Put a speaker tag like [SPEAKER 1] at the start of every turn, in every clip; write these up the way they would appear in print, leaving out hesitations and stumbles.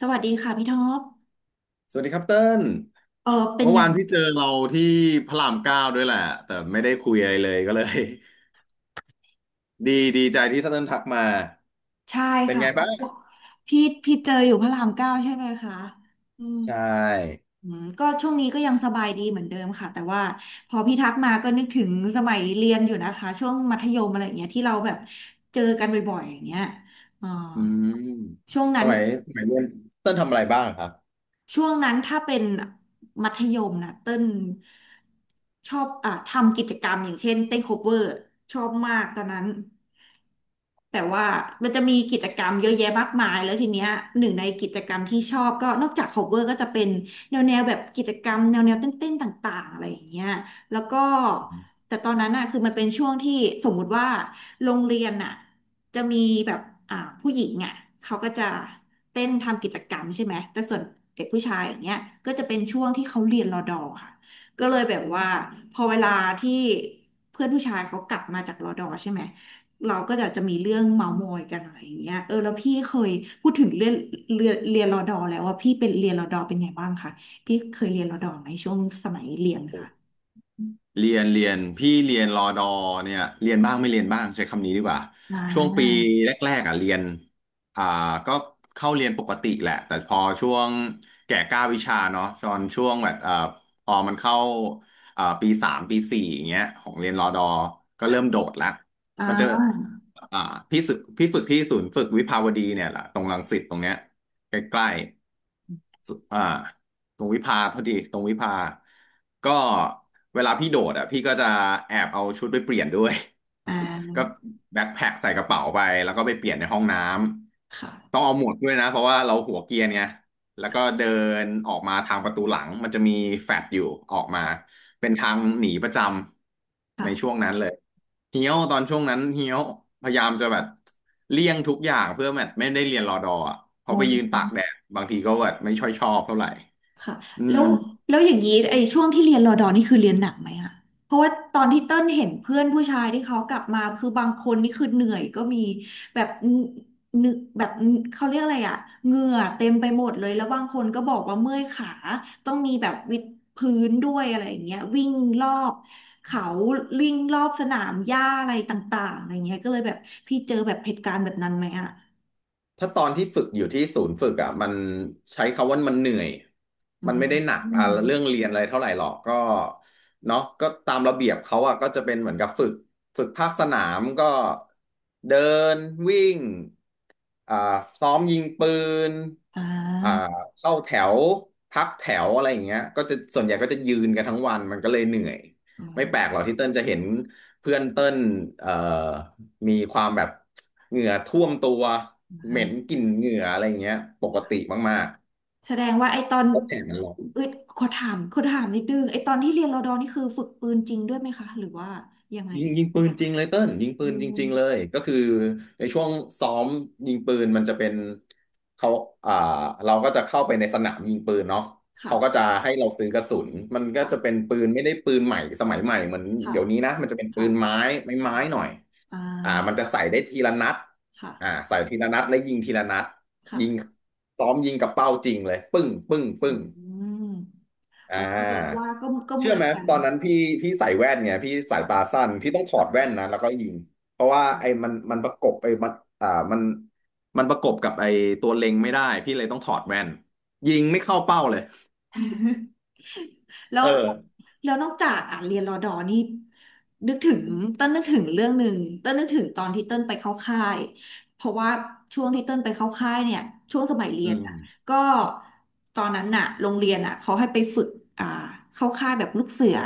[SPEAKER 1] สวัสดีค่ะพี่ท็อป
[SPEAKER 2] สวัสดีครับเติ้ล
[SPEAKER 1] เออเป็น
[SPEAKER 2] เมื่อ
[SPEAKER 1] ไง
[SPEAKER 2] วานพี่เจอเราที่พระรามเก้าด้วยแหละแต่ไม่ได้คุยอะไรเลยก็เลย ดีดีใจที่เติ้ลทักมา
[SPEAKER 1] ใช่
[SPEAKER 2] เป็น
[SPEAKER 1] ค่ะ
[SPEAKER 2] ไงบ้าง
[SPEAKER 1] พี่เจออยู่พระรามเก้าใช่ไหมคะอืม
[SPEAKER 2] ใช่
[SPEAKER 1] อืมก็ช่วงนี้ก็ยังสบายดีเหมือนเดิมค่ะแต่ว่าพอพี่ทักมาก็นึกถึงสมัยเรียนอยู่นะคะช่วงมัธยมอะไรอย่างเงี้ยที่เราแบบเจอกันบ่อยๆอย่างเงี้ยอ่อ
[SPEAKER 2] อืม
[SPEAKER 1] ช่วง
[SPEAKER 2] ส
[SPEAKER 1] นั้น
[SPEAKER 2] มัยสมัยเรียนเติ้ลทำอะไรบ้างครับ
[SPEAKER 1] ถ้าเป็นมัธยมนะเต้นชอบอ่ะทำกิจกรรมอย่างเช่นเต้นโคเวอร์ชอบมากตอนนั้น แต่ว่ามันจะมีกิจกรรมเยอะแยะมากมายแล้วทีเนี้ยหนึ่งในกิจกรรมที่ชอบก็นอกจาก cover ก็จะเป็นแนวแบบกิจกรรมแนวเต้นๆต่างๆอะไรอย่างเงี้ยแล้วก็แต่ตอนนั้นอ่ะคือมันเป็นช่วงที่สมมุติว่าโรงเรียนอ่ะจะมีแบบผู้หญิงอ่ะเขาก็จะเต้นทำกิจกรรมใช่ไหมแต่ส่วนเด็กผู้ชายอย่างเงี้ยก็จะเป็นช่วงที่เขาเรียนรอดอค่ะก็เลยแบบว่าพอเวลาที่เพื่อนผู้ชายเขากลับมาจากรอดอใช่ไหม เราก็จะมีเรื่องเมาท์มอยกันอะไรอย่างเงี้ยเออแล้วพี่เคยพูดถึงเรื่องเรียนรอดอแล้วว่าพี่เป็นเรียนรอดอเป็นไงบ้างคะพี่เคยเรียนรอดอไหมช่วงสมัยเรียนค่ะ
[SPEAKER 2] เรียนพี่เรียนรอดอเนี่ยเรียนบ้างไม่เรียนบ้างใช้คำนี้ดีกว่า
[SPEAKER 1] อ่
[SPEAKER 2] ช่วงปี
[SPEAKER 1] า
[SPEAKER 2] แรกๆอ่ะเรียนอ่าก็เข้าเรียนปกติแหละแต่พอช่วงแก่กล้าวิชาเนาะตอนช่วงแบบพอมันเข้าปีสามปีสี่อย่างเงี้ยของเรียนรอดอก็เริ่มโดดละมันจะ
[SPEAKER 1] อ่า
[SPEAKER 2] อ่าพี่ฝึกที่ศูนย์ฝึกวิภาวดีเนี่ยแหละตรงรังสิตตรงเนี้ยใกล้ๆสุตรงวิภาพอดีตรงวิภาก็เวลาพี่โดดอ่ะพี่ก็จะแอบเอาชุดไปเปลี่ยนด้วย
[SPEAKER 1] อ่า
[SPEAKER 2] ก็แบ็คแพ็คใส่กระเป๋าไปแล้วก็ไปเปลี่ยนในห้องน้ำ ต้อ
[SPEAKER 1] ค่ะ
[SPEAKER 2] งเอาหมวกด้วยนะเพราะว่าเราหัวเกรียนไงแล้วก็เดินออกมาทางประตูหลังมันจะมีแฟลตอยู่ออกมาเป็นทางหนีประจำในช่ว
[SPEAKER 1] ค่ะ
[SPEAKER 2] งนั้นเลยเฮี้ยวตอนช่วงนั้นเฮี้ยวพยายามจะแบบเลี่ยงทุกอย่างเพื่อแบบไม่ได้เรียนรอดออ่ะเพ
[SPEAKER 1] โอ
[SPEAKER 2] อไปยืน
[SPEAKER 1] ้
[SPEAKER 2] ตากแดดบางทีก็แบบไม่ช่อยชอบเท่าไหร่
[SPEAKER 1] ค่ะ
[SPEAKER 2] อื
[SPEAKER 1] แล้
[SPEAKER 2] ม
[SPEAKER 1] วอย่างนี้ไอ้ช่วงที่เรียนรอดอนี่คือเรียนหนักไหมอะเพราะว่าตอนที่เต้นเห็นเพื่อนผู้ชายที่เขากลับมาคือบางคนนี่คือเหนื่อยก็มีแบบนึกแบบเขาเรียกอะไรอะเหงื่อเต็มไปหมดเลยแล้วบางคนก็บอกว่าเมื่อยขาต้องมีแบบวิดพื้นด้วยอะไรอย่างเงี้ยวิ่งรอบเขาวิ่งรอบสนามหญ้าอะไรต่างๆอะไรเงี้ยก็เลยแบบพี่เจอแบบเหตุการณ์แบบนั้นไหมอะ
[SPEAKER 2] ถ้าตอนที่ฝึกอยู่ที่ศูนย์ฝึกอ่ะมันใช้คำว่ามันเหนื่อย
[SPEAKER 1] อื
[SPEAKER 2] มัน
[SPEAKER 1] ม
[SPEAKER 2] ไม่ได้หนัก
[SPEAKER 1] อ
[SPEAKER 2] อ่ะ
[SPEAKER 1] ม
[SPEAKER 2] เรื่องเรียนอะไรเท่าไหร่หรอกก็เนาะก็ตามระเบียบเขาอ่ะก็จะเป็นเหมือนกับฝึกภาคสนามก็เดินวิ่งอ่าซ้อมยิงปืน
[SPEAKER 1] อ่
[SPEAKER 2] อ่า
[SPEAKER 1] า
[SPEAKER 2] เข้าแถวพักแถวอะไรอย่างเงี้ยก็จะส่วนใหญ่ก็จะยืนกันทั้งวันมันก็เลยเหนื่อย
[SPEAKER 1] อ๋อ
[SPEAKER 2] ไม่แปลกหรอกที่เติ้ลจะเห็นเพื่อนเติ้ลเอ่อมีความแบบเหงื่อท่วมตัว เหม็นกลิ่นเหงื่ออะไรอย่างเงี้ยปกติมาก
[SPEAKER 1] แสดงว่าไอ้ตอน
[SPEAKER 2] ๆแล้วแดดมันร้อน
[SPEAKER 1] เอ้ยขอถามนิดนึงไอ้ตอนที่เรียนรอดอนี่คือฝึกปืนจริงด้วยไหมคะหรือว่ายังไง
[SPEAKER 2] ยิงปืนจริงเลยเติ้ลยิงปื
[SPEAKER 1] อื
[SPEAKER 2] นจริงๆเล
[SPEAKER 1] ม
[SPEAKER 2] ยก็คือในช่วงซ้อมยิงปืนมันจะเป็นเขาอ่าเราก็จะเข้าไปในสนามยิงปืนเนาะเขาก็จะ
[SPEAKER 1] ค่ะ
[SPEAKER 2] ให้เราซื้อกระสุนมันก็จะเป็
[SPEAKER 1] ค่ะ
[SPEAKER 2] นปืนไม่ได้ปืนใหม่สมัยใหม่เหมือน
[SPEAKER 1] ค่ะ
[SPEAKER 2] เดี๋ยวนี้นะมันจะเป็นปื
[SPEAKER 1] ค่ะ
[SPEAKER 2] นไม้ไม้
[SPEAKER 1] อ๋อ
[SPEAKER 2] หน่อย
[SPEAKER 1] อ่า
[SPEAKER 2] มันจะใส่ได้ทีละนัด
[SPEAKER 1] ค่ะ
[SPEAKER 2] ใส่ทีละนัดแลวยิงทีละนัดยิง
[SPEAKER 1] ค่ะ
[SPEAKER 2] ซ้อมยิงกับเป้าจริงเลยปึ้งปึ้งปึ้ง
[SPEAKER 1] อืม
[SPEAKER 2] อ่
[SPEAKER 1] อ๋อคือ
[SPEAKER 2] า
[SPEAKER 1] ว่าก็เห
[SPEAKER 2] เชื่อ
[SPEAKER 1] มือ
[SPEAKER 2] ไห
[SPEAKER 1] น
[SPEAKER 2] ม
[SPEAKER 1] กัน
[SPEAKER 2] ตอนนั้นพี่ใส่แว่นไงพี่สาย
[SPEAKER 1] ค่ะ
[SPEAKER 2] ตาสั้นพี่ต้องถอดแว่น
[SPEAKER 1] ค่ะ
[SPEAKER 2] นะแล้วก็ยิงเพราะว่าไอ้มันประกบไอ้มันมันประกบกับไอ้ตัวเล็งไม่ได้พี่เลยต้องถอดแว่นยิงไม่เข้าเป้าเลย
[SPEAKER 1] แล้ว
[SPEAKER 2] เออ
[SPEAKER 1] นอกจากอ่ะเรียนรอดอนี่นึกถึงเต้นนึกถึงเรื่องหนึ่งเต้นนึกถึงตอนที่เต้นไปเข้าค่ายเพราะว่าช่วงที่เต้นไปเข้าค่ายเนี่ยช่วงสมัยเรี
[SPEAKER 2] อื
[SPEAKER 1] ยน
[SPEAKER 2] ม
[SPEAKER 1] อ่ะก็ตอนนั้นน่ะโรงเรียนอ่ะเขาให้ไปฝึกอ่าเข้าค่ายแบบลูกเสือ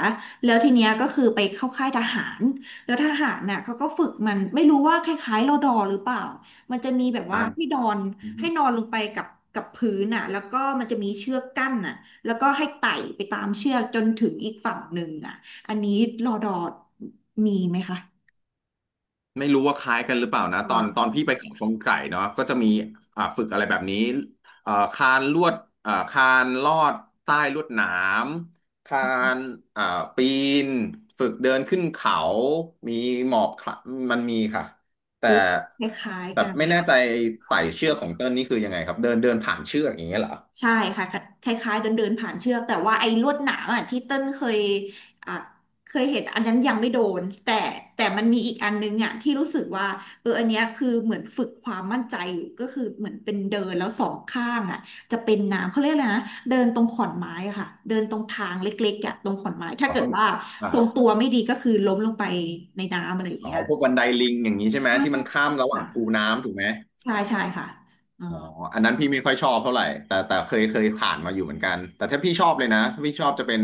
[SPEAKER 1] แล้วทีเนี้ยก็คือไปเข้าค่ายทหารแล้วทหารน่ะเขาก็ฝึกมันไม่รู้ว่าคล้ายๆรอดอหรือเปล่ามันจะมีแบบว่า
[SPEAKER 2] อ่ะ
[SPEAKER 1] ให้นอนให้นอนลงไปกับกับพื้นน่ะแล้วก็มันจะมีเชือกกั้นน่ะ แล้วก็ให้ไต่ไปตามเชือกจนถึงอีกฝั่งหนึ่งอ่ะอันนี้รอดอมีไหมคะ
[SPEAKER 2] ไม่รู้ว่าคล้ายกันหรือเปล่านะต
[SPEAKER 1] อ่า
[SPEAKER 2] อนตอนพี่ไปเขาชนไก่เนาะก็จะมีฝึกอะไรแบบนี้คานลวดคานลอดใต้ลวดหนามคานอ่าปีนฝึกเดินขึ้นเขามีหมอบคละมันมีค่ะแต่
[SPEAKER 1] พูดคล้ายๆกัน
[SPEAKER 2] ไม่แน่ใจไต่
[SPEAKER 1] ค่ะ
[SPEAKER 2] เชือกของเติ้ลนี่คือยังไงครับเดินเดินผ่านเชือกอย่างเงี้ยเหรอ
[SPEAKER 1] ใช่ค่ะคล้ายๆเดินเดินผ่านเชือกแต่ว่าไอ้ลวดหนามอ่ะที่เต้นเคยอ่ะเคยเห็นอันนั้นยังไม่โดนแต่แต่มันมีอีกอันนึงอ่ะที่รู้สึกว่าเอออันเนี้ยคือเหมือนฝึกความมั่นใจอยู่ก็คือเหมือนเป็นเดินแล้วสองข้างอ่ะจะเป็นน้ำเขาเรียกอะไรนะเดินตรงขอนไม้อะค่ะเดินตรงทางเล็กๆอ่ะตรงขอนไม้ถ้า
[SPEAKER 2] อ๋อ
[SPEAKER 1] เกิ
[SPEAKER 2] ส
[SPEAKER 1] ด
[SPEAKER 2] ม
[SPEAKER 1] ว่า
[SPEAKER 2] อ่า
[SPEAKER 1] ทรงตัวไม่ดีก็คือล้มลงไปในน้ำอะไรอย่าง
[SPEAKER 2] อ๋อ
[SPEAKER 1] เงี้ย
[SPEAKER 2] พวกบันไดลิงอย่างนี้ใช่ไหม
[SPEAKER 1] ค
[SPEAKER 2] ที่มันข้ามระหว่างคู
[SPEAKER 1] ่ะ
[SPEAKER 2] น้ำถูกไหม
[SPEAKER 1] ใช่ใช่ค่ะอ๋อ
[SPEAKER 2] อ๋ออันนั้นพี่ไม่ค่อยชอบเท่าไหร่แต่แต่เคยผ่านมาอยู่เหมือนกัน แต่ถ้าพี่ชอบเลยนะถ้าพี่ชอบจะเป็น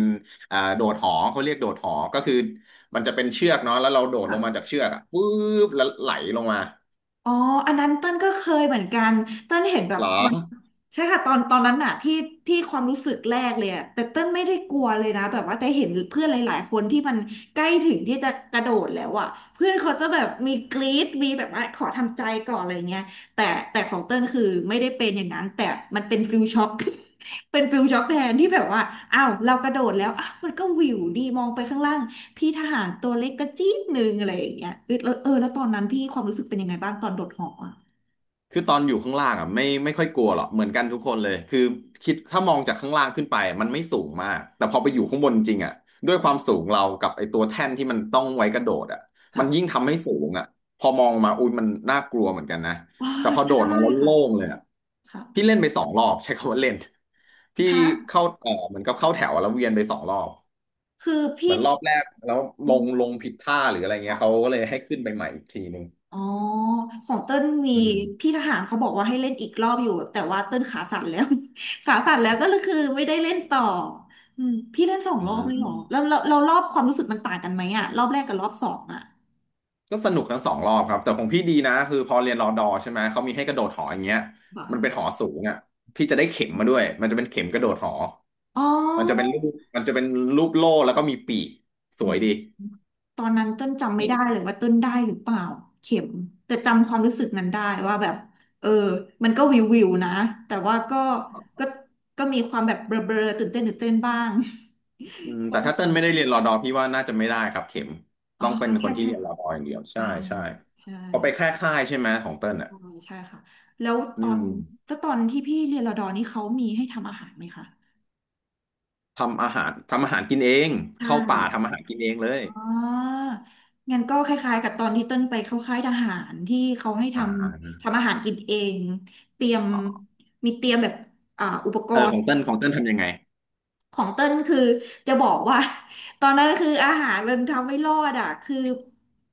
[SPEAKER 2] โดดหอเขาเรียกโดดหอก็คือมันจะเป็นเชือกเนาะแล้วเราโดดลงมาจาก
[SPEAKER 1] ค่ะ
[SPEAKER 2] เชือกอะปุ๊บแล้วไหลลงมา
[SPEAKER 1] อ๋ออันนั้นเต้นก็เคยเหมือนกัน เต้นเห็นแบบ
[SPEAKER 2] เหรอ
[SPEAKER 1] ตอนใช่ค่ะตอนนั้นน่ะที่ที่ความรู้สึกแรกเลยอะแต่เต้นไม่ได้กลัวเลยนะแบบว่าแต่เห็นเพื่อนหลายๆคนที่มันใกล้ถึงที่จะกระโดดแล้วอะเพื่อนเขาจะแบบมีกรี๊ดมีแบบว่าขอทำใจก่อนอะไรเงี้ยแต่แต่ของเต้นคือไม่ได้เป็นอย่างนั้นแต่มันเป็นฟิลช็อก เป็นฟิลช็อกแทนที่แบบว่าอ้าวเรากระโดดแล้ว มันก็วิวดีมองไปข้างล่างพี่ทหารตัวเล็กกระจี๊ดหนึ่งอะไรอย่างเงี้ยเออแล้วเออแล้วตอนนั้นพี่ความรู้สึกเป็นยังไงบ้างตอนโดดหออะ
[SPEAKER 2] คือตอนอยู่ข้างล่างอ่ะไม่ค่อยกลัวหรอกเหมือนกันทุกคนเลยคือคิดถ้ามองจากข้างล่างขึ้นไปมันไม่สูงมากแต่พอไปอยู่ข้างบนจริงอ่ะด้วยความสูงเรากับไอ้ตัวแท่นที่มันต้องไว้กระโดดอ่ะมันยิ่ง
[SPEAKER 1] ค่ะ
[SPEAKER 2] ทำให้สูงอ่ะพอมองมาอุ้ยมันน่ากลัวเหมือนกันนะ
[SPEAKER 1] ว้า
[SPEAKER 2] แต่พอโดด
[SPEAKER 1] ใช่
[SPEAKER 2] มาแล้ว
[SPEAKER 1] ค่ะ
[SPEAKER 2] โล่งเลยอ่ะพี่
[SPEAKER 1] ค่ะ
[SPEAKER 2] เล่นไปสองรอบใช้คำว่าเล่นพี่
[SPEAKER 1] ฮะ
[SPEAKER 2] เข้าเออเหมือนกับเข้าแถวแล้วเวียนไปสองรอบ
[SPEAKER 1] คือ
[SPEAKER 2] เหมื
[SPEAKER 1] พี่
[SPEAKER 2] อนรอบแรกแล้ว
[SPEAKER 1] อ
[SPEAKER 2] ลง
[SPEAKER 1] ม
[SPEAKER 2] ผิดท่าหรืออะไรเงี้ยเขาก็เลยให้ขึ้นไปใหม่อีกทีนึง
[SPEAKER 1] อ๋อของเต้นมี
[SPEAKER 2] อืม
[SPEAKER 1] พี่ทหารเขาบอกว่าให้เล่นอีกรอบอยู่แต่ว่าเต้นขาสั่นแล้ว ขาสั่นแล้วก็เลยคือไม่ได้เล่นต่ออืมพี่เล่นสอง
[SPEAKER 2] อื
[SPEAKER 1] รอบเลยเหรอแล้ว
[SPEAKER 2] ม
[SPEAKER 1] เรารอบความรู้สึกมันต่างกันไหมอะรอบแรกกับรอบสองอะ
[SPEAKER 2] ก็สนุกทั้งสองรอบครับแต่ของพี่ดีนะคือพอเรียนรอดอใช่ไหมเขามีให้กระโดดหออย่างเงี้ยมันเป็นห
[SPEAKER 1] ค่ะ
[SPEAKER 2] อสูงอ่ะพี่จะได้เข็มมาด้วยมันจะเป็นเข็มกระโดดหอ
[SPEAKER 1] อ๋
[SPEAKER 2] มันจะเป็น
[SPEAKER 1] อ
[SPEAKER 2] รูปมันจะเป็นรูปโล่แล้วก็มีปีกส
[SPEAKER 1] อื
[SPEAKER 2] ว
[SPEAKER 1] ม
[SPEAKER 2] ยดี
[SPEAKER 1] ตอนนั้นเต้นจำไม่
[SPEAKER 2] มี
[SPEAKER 1] ได้เลยว่าต้นได้หรือเปล่าเข็มแต่จำความรู้สึกนั้นได้ว่าแบบเออมันก็วิวนะแต่ว่า
[SPEAKER 2] ครั
[SPEAKER 1] ก็
[SPEAKER 2] บ
[SPEAKER 1] ก็มีความแบบเบลอๆตื่นเต้นบ้าง
[SPEAKER 2] อืม
[SPEAKER 1] ป
[SPEAKER 2] แต่
[SPEAKER 1] ระ
[SPEAKER 2] ถ้า
[SPEAKER 1] มาณ
[SPEAKER 2] เติ้ลไม่ได้
[SPEAKER 1] นั้น
[SPEAKER 2] เรียนรอดอพี่ว่าน่าจะไม่ได้ครับเข็ม
[SPEAKER 1] อ๋อ
[SPEAKER 2] ต้องเป็นค
[SPEAKER 1] ใช่
[SPEAKER 2] นที่
[SPEAKER 1] ใช่
[SPEAKER 2] เรียนร
[SPEAKER 1] ค่ะ
[SPEAKER 2] อดออย่างเดียว
[SPEAKER 1] อ่า
[SPEAKER 2] ใช่ใช่
[SPEAKER 1] ใช่
[SPEAKER 2] พอไปแค่ค่ายใช่ไหมของเติ้ลอ่ะ
[SPEAKER 1] อ๋อใช่ค่ะแล้ว
[SPEAKER 2] อื
[SPEAKER 1] ตอ
[SPEAKER 2] ม
[SPEAKER 1] นแล้วตอนที่พี่เรียนรอดอนี่เขามีให้ทำอาหารไหมคะ
[SPEAKER 2] ทำอาหารทำอาหารกินเอง
[SPEAKER 1] ใช่
[SPEAKER 2] เข้าป่าทำอาหารกินเองเลย
[SPEAKER 1] อ่างั้นก็คล้ายๆกับตอนที่เต้นไปเข้าค่ายทหารที่เขาให้ท
[SPEAKER 2] อ่า
[SPEAKER 1] ำทำอาหารกินเองเตรียมมีเตรียมแบบอุปก
[SPEAKER 2] เออ
[SPEAKER 1] ร
[SPEAKER 2] ขอ
[SPEAKER 1] ณ์
[SPEAKER 2] งเติ้ลของเติ้ลทำยังไง
[SPEAKER 1] ของเต้นคือจะบอกว่า ตอนนั้นคืออาหารมันทำไม่รอดอ่ะคือ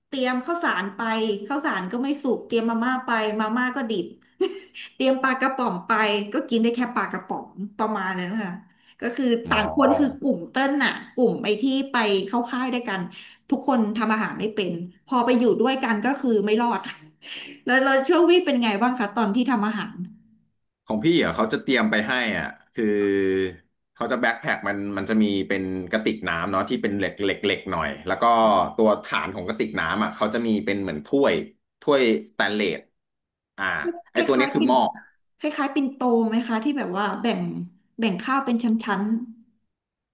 [SPEAKER 1] เตรียมข้าวสารไปข้าวสารก็ไม่สุกเตรียมมาม่าไปมาม่าก็ดิบ เตรียมปลากระป๋องไปก็กินได้แค่ปลากระป๋องประมาณนั้นค่ะก็คือ
[SPEAKER 2] อ๋
[SPEAKER 1] ต่า
[SPEAKER 2] อ
[SPEAKER 1] งคนคือกลุ่มเต้นน่ะกลุ่มไอ้ที่ไปเข้าค่ายด้วยกันทุกคนทำอาหารไม่เป็นพอไปอยู่ด้วยกันก็คือไม่รอด แล้วช่วงวี่เป็นไงบ้างคะตอนที่ทำอาหาร
[SPEAKER 2] ของพี่อ่ะเขาจะเตรียมไปให้อ่ะคือเขาจะแบ็คแพ็คมันมันจะมีเป็นกระติกน้ำเนาะที่เป็นเหล็กเหล็กเหล็กหน่อยแล้วก็ตัวฐานของกระติกน้ำอ่ะเขาจะมีเป็นเหมือนถ้วยถ้วยสแตนเลสอ่า
[SPEAKER 1] ค
[SPEAKER 2] ไอ
[SPEAKER 1] ล
[SPEAKER 2] ตัว
[SPEAKER 1] ้า
[SPEAKER 2] เนี้ย
[SPEAKER 1] ยๆ
[SPEAKER 2] คือ
[SPEAKER 1] ปิ่น
[SPEAKER 2] หม้อ
[SPEAKER 1] คล้ายๆปิ่นโตไหมคะที่แบบว่าแบ่งข้าวเป็นชั้น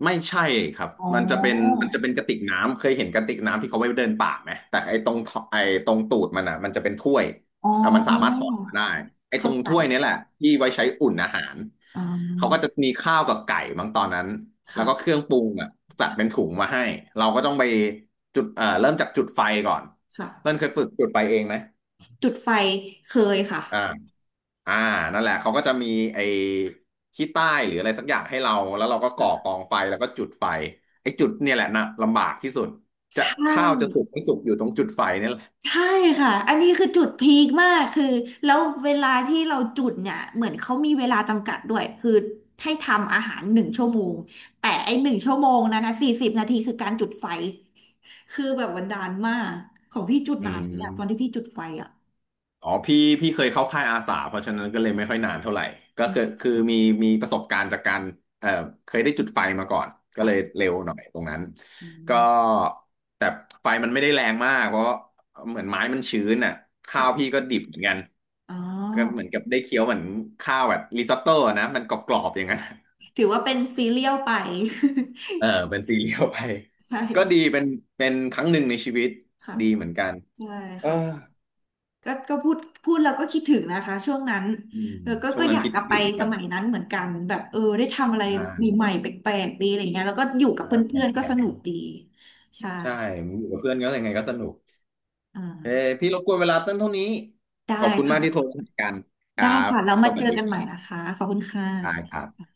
[SPEAKER 2] ไม่ใช่ครับ
[SPEAKER 1] ๆอ๋อ
[SPEAKER 2] มันจะเป็นมันจะเป็นกระติกน้ำเคยเห็นกระติกน้ำที่เขาไว้เดินป่าไหมแต่ไอ้ตรงท่อไอ้ตรงตูดมันอ่ะมันจะเป็นถ้วย
[SPEAKER 1] อ๋อ
[SPEAKER 2] อ่ะมันสามารถถอดออกมาได้ไอ้ต
[SPEAKER 1] เข้า
[SPEAKER 2] รง
[SPEAKER 1] ใจ
[SPEAKER 2] ถ้วยเนี่ยแหละที่ไว้ใช้อุ่นอาหาร
[SPEAKER 1] อ๋
[SPEAKER 2] เขาก็
[SPEAKER 1] อ
[SPEAKER 2] จะมีข้าวกับไก่บางตอนนั้นแล้วก็เครื่
[SPEAKER 1] ค่ะ
[SPEAKER 2] องปรุงอ่ะจัดเป็นถุงมาให้เราก็ต้องไปจุดเริ่มจากจุดไฟก่อนเต้
[SPEAKER 1] ค่ะ
[SPEAKER 2] นเคยฝึกจุดไฟเองไหม
[SPEAKER 1] จุดไฟเคยค่ะ
[SPEAKER 2] อ่า อ่านั่นแหละ เขาก็จะมีไอ้ขี้ใต้หรืออะไรสักอย่างให้เรา แล้วเราก็ก่อ
[SPEAKER 1] ค่ะ
[SPEAKER 2] กองไฟแล้วก็จุดไฟไอ้จุดเนี่ยแหละนะลำบากที่สุด
[SPEAKER 1] ใช
[SPEAKER 2] จะข้าวจะสุ
[SPEAKER 1] ่
[SPEAKER 2] กไม่สุกอยู่ตรงจุดไฟเนี่ยแหละ
[SPEAKER 1] ใช่ค่ะอันนี้คือจุดพีคมาก คือแล้วเวลาที่เราจุดเนี่ย เหมือนเขามีเวลาจำกัดด้วย คือให้ทำอาหารหนึ่งชั่วโมง แต่ไอ้1 ชั่วโมงนะ40 นาทีคือการจุดไฟ คือแบบวันดานมากของพี่จุด
[SPEAKER 2] อื
[SPEAKER 1] นานเนี่ยตอนที่
[SPEAKER 2] ม
[SPEAKER 1] พี่จุดไฟอ่ะ
[SPEAKER 2] อ๋อพี่เคยเข้าค่ายอาสาเพราะฉะนั้นก็เลยไม่ค่อยนานเท่าไหร่ก็
[SPEAKER 1] อื
[SPEAKER 2] คือ
[SPEAKER 1] ม
[SPEAKER 2] คือมีประสบการณ์จากการเอ่อเคยได้จุดไฟมาก่อนก็เลย
[SPEAKER 1] ค่ะ
[SPEAKER 2] เร็วหน่อยตรงนั้น
[SPEAKER 1] อื
[SPEAKER 2] ก็
[SPEAKER 1] ม
[SPEAKER 2] แต่ไฟมันไม่ได้แรงมากเพราะเหมือนไม้มันชื้นอ่ะข้าวพี่
[SPEAKER 1] ค่ะ
[SPEAKER 2] ก็ดิบเหมือนกัน
[SPEAKER 1] อ๋อ
[SPEAKER 2] ก็เหมือนกับได้เคี้ยวเหมือนข้าวแบบริซอตโต้อะนะมันกรอบๆอย่างนั้น
[SPEAKER 1] ถือว่าเป็นซีเรียลไป
[SPEAKER 2] เออเป็นซีเรียลไป
[SPEAKER 1] ใช่
[SPEAKER 2] ก็ดีเป็นเป็นครั้งหนึ่งในชีวิต
[SPEAKER 1] ค่ะ
[SPEAKER 2] ดีเหมือนกัน
[SPEAKER 1] ใช่
[SPEAKER 2] เออ
[SPEAKER 1] ค่ะ ก็พูดแล้วก็คิดถึงนะคะช่วงนั้น
[SPEAKER 2] อืม
[SPEAKER 1] เออก็
[SPEAKER 2] ช่ว
[SPEAKER 1] ก็
[SPEAKER 2] ง
[SPEAKER 1] อ
[SPEAKER 2] นั้น
[SPEAKER 1] ยาก
[SPEAKER 2] คิด
[SPEAKER 1] กลับไป
[SPEAKER 2] ถึง
[SPEAKER 1] ส
[SPEAKER 2] แบบ
[SPEAKER 1] มัยนั้นเหมือนกันแบบเออได้ทำอะไร
[SPEAKER 2] ่าน
[SPEAKER 1] ใหม่ๆแปลกๆดีอะไรเงี้ยแล้วก็อยู่กับ
[SPEAKER 2] นะ
[SPEAKER 1] เพ
[SPEAKER 2] แข็
[SPEAKER 1] ื่
[SPEAKER 2] ง
[SPEAKER 1] อนๆก็ส
[SPEAKER 2] แข็ง
[SPEAKER 1] นุกดีใช่
[SPEAKER 2] ใช่อยู่กับเพื่อนก็ยังไงก็สนุก
[SPEAKER 1] อ่
[SPEAKER 2] เอ้
[SPEAKER 1] า
[SPEAKER 2] พี่รบกวนเวลาเต้นเท่านี้
[SPEAKER 1] ได้
[SPEAKER 2] ขอบคุณมากที่โทร
[SPEAKER 1] ค่ะ
[SPEAKER 2] มาคุยกันค
[SPEAKER 1] ได้
[SPEAKER 2] รับ
[SPEAKER 1] ค่ะแล้ว
[SPEAKER 2] ส
[SPEAKER 1] มา
[SPEAKER 2] วั
[SPEAKER 1] เจ
[SPEAKER 2] ส
[SPEAKER 1] อกันให
[SPEAKER 2] ดี
[SPEAKER 1] ม่นะคะขอบคุณค่
[SPEAKER 2] ครับค
[SPEAKER 1] ะ
[SPEAKER 2] รับ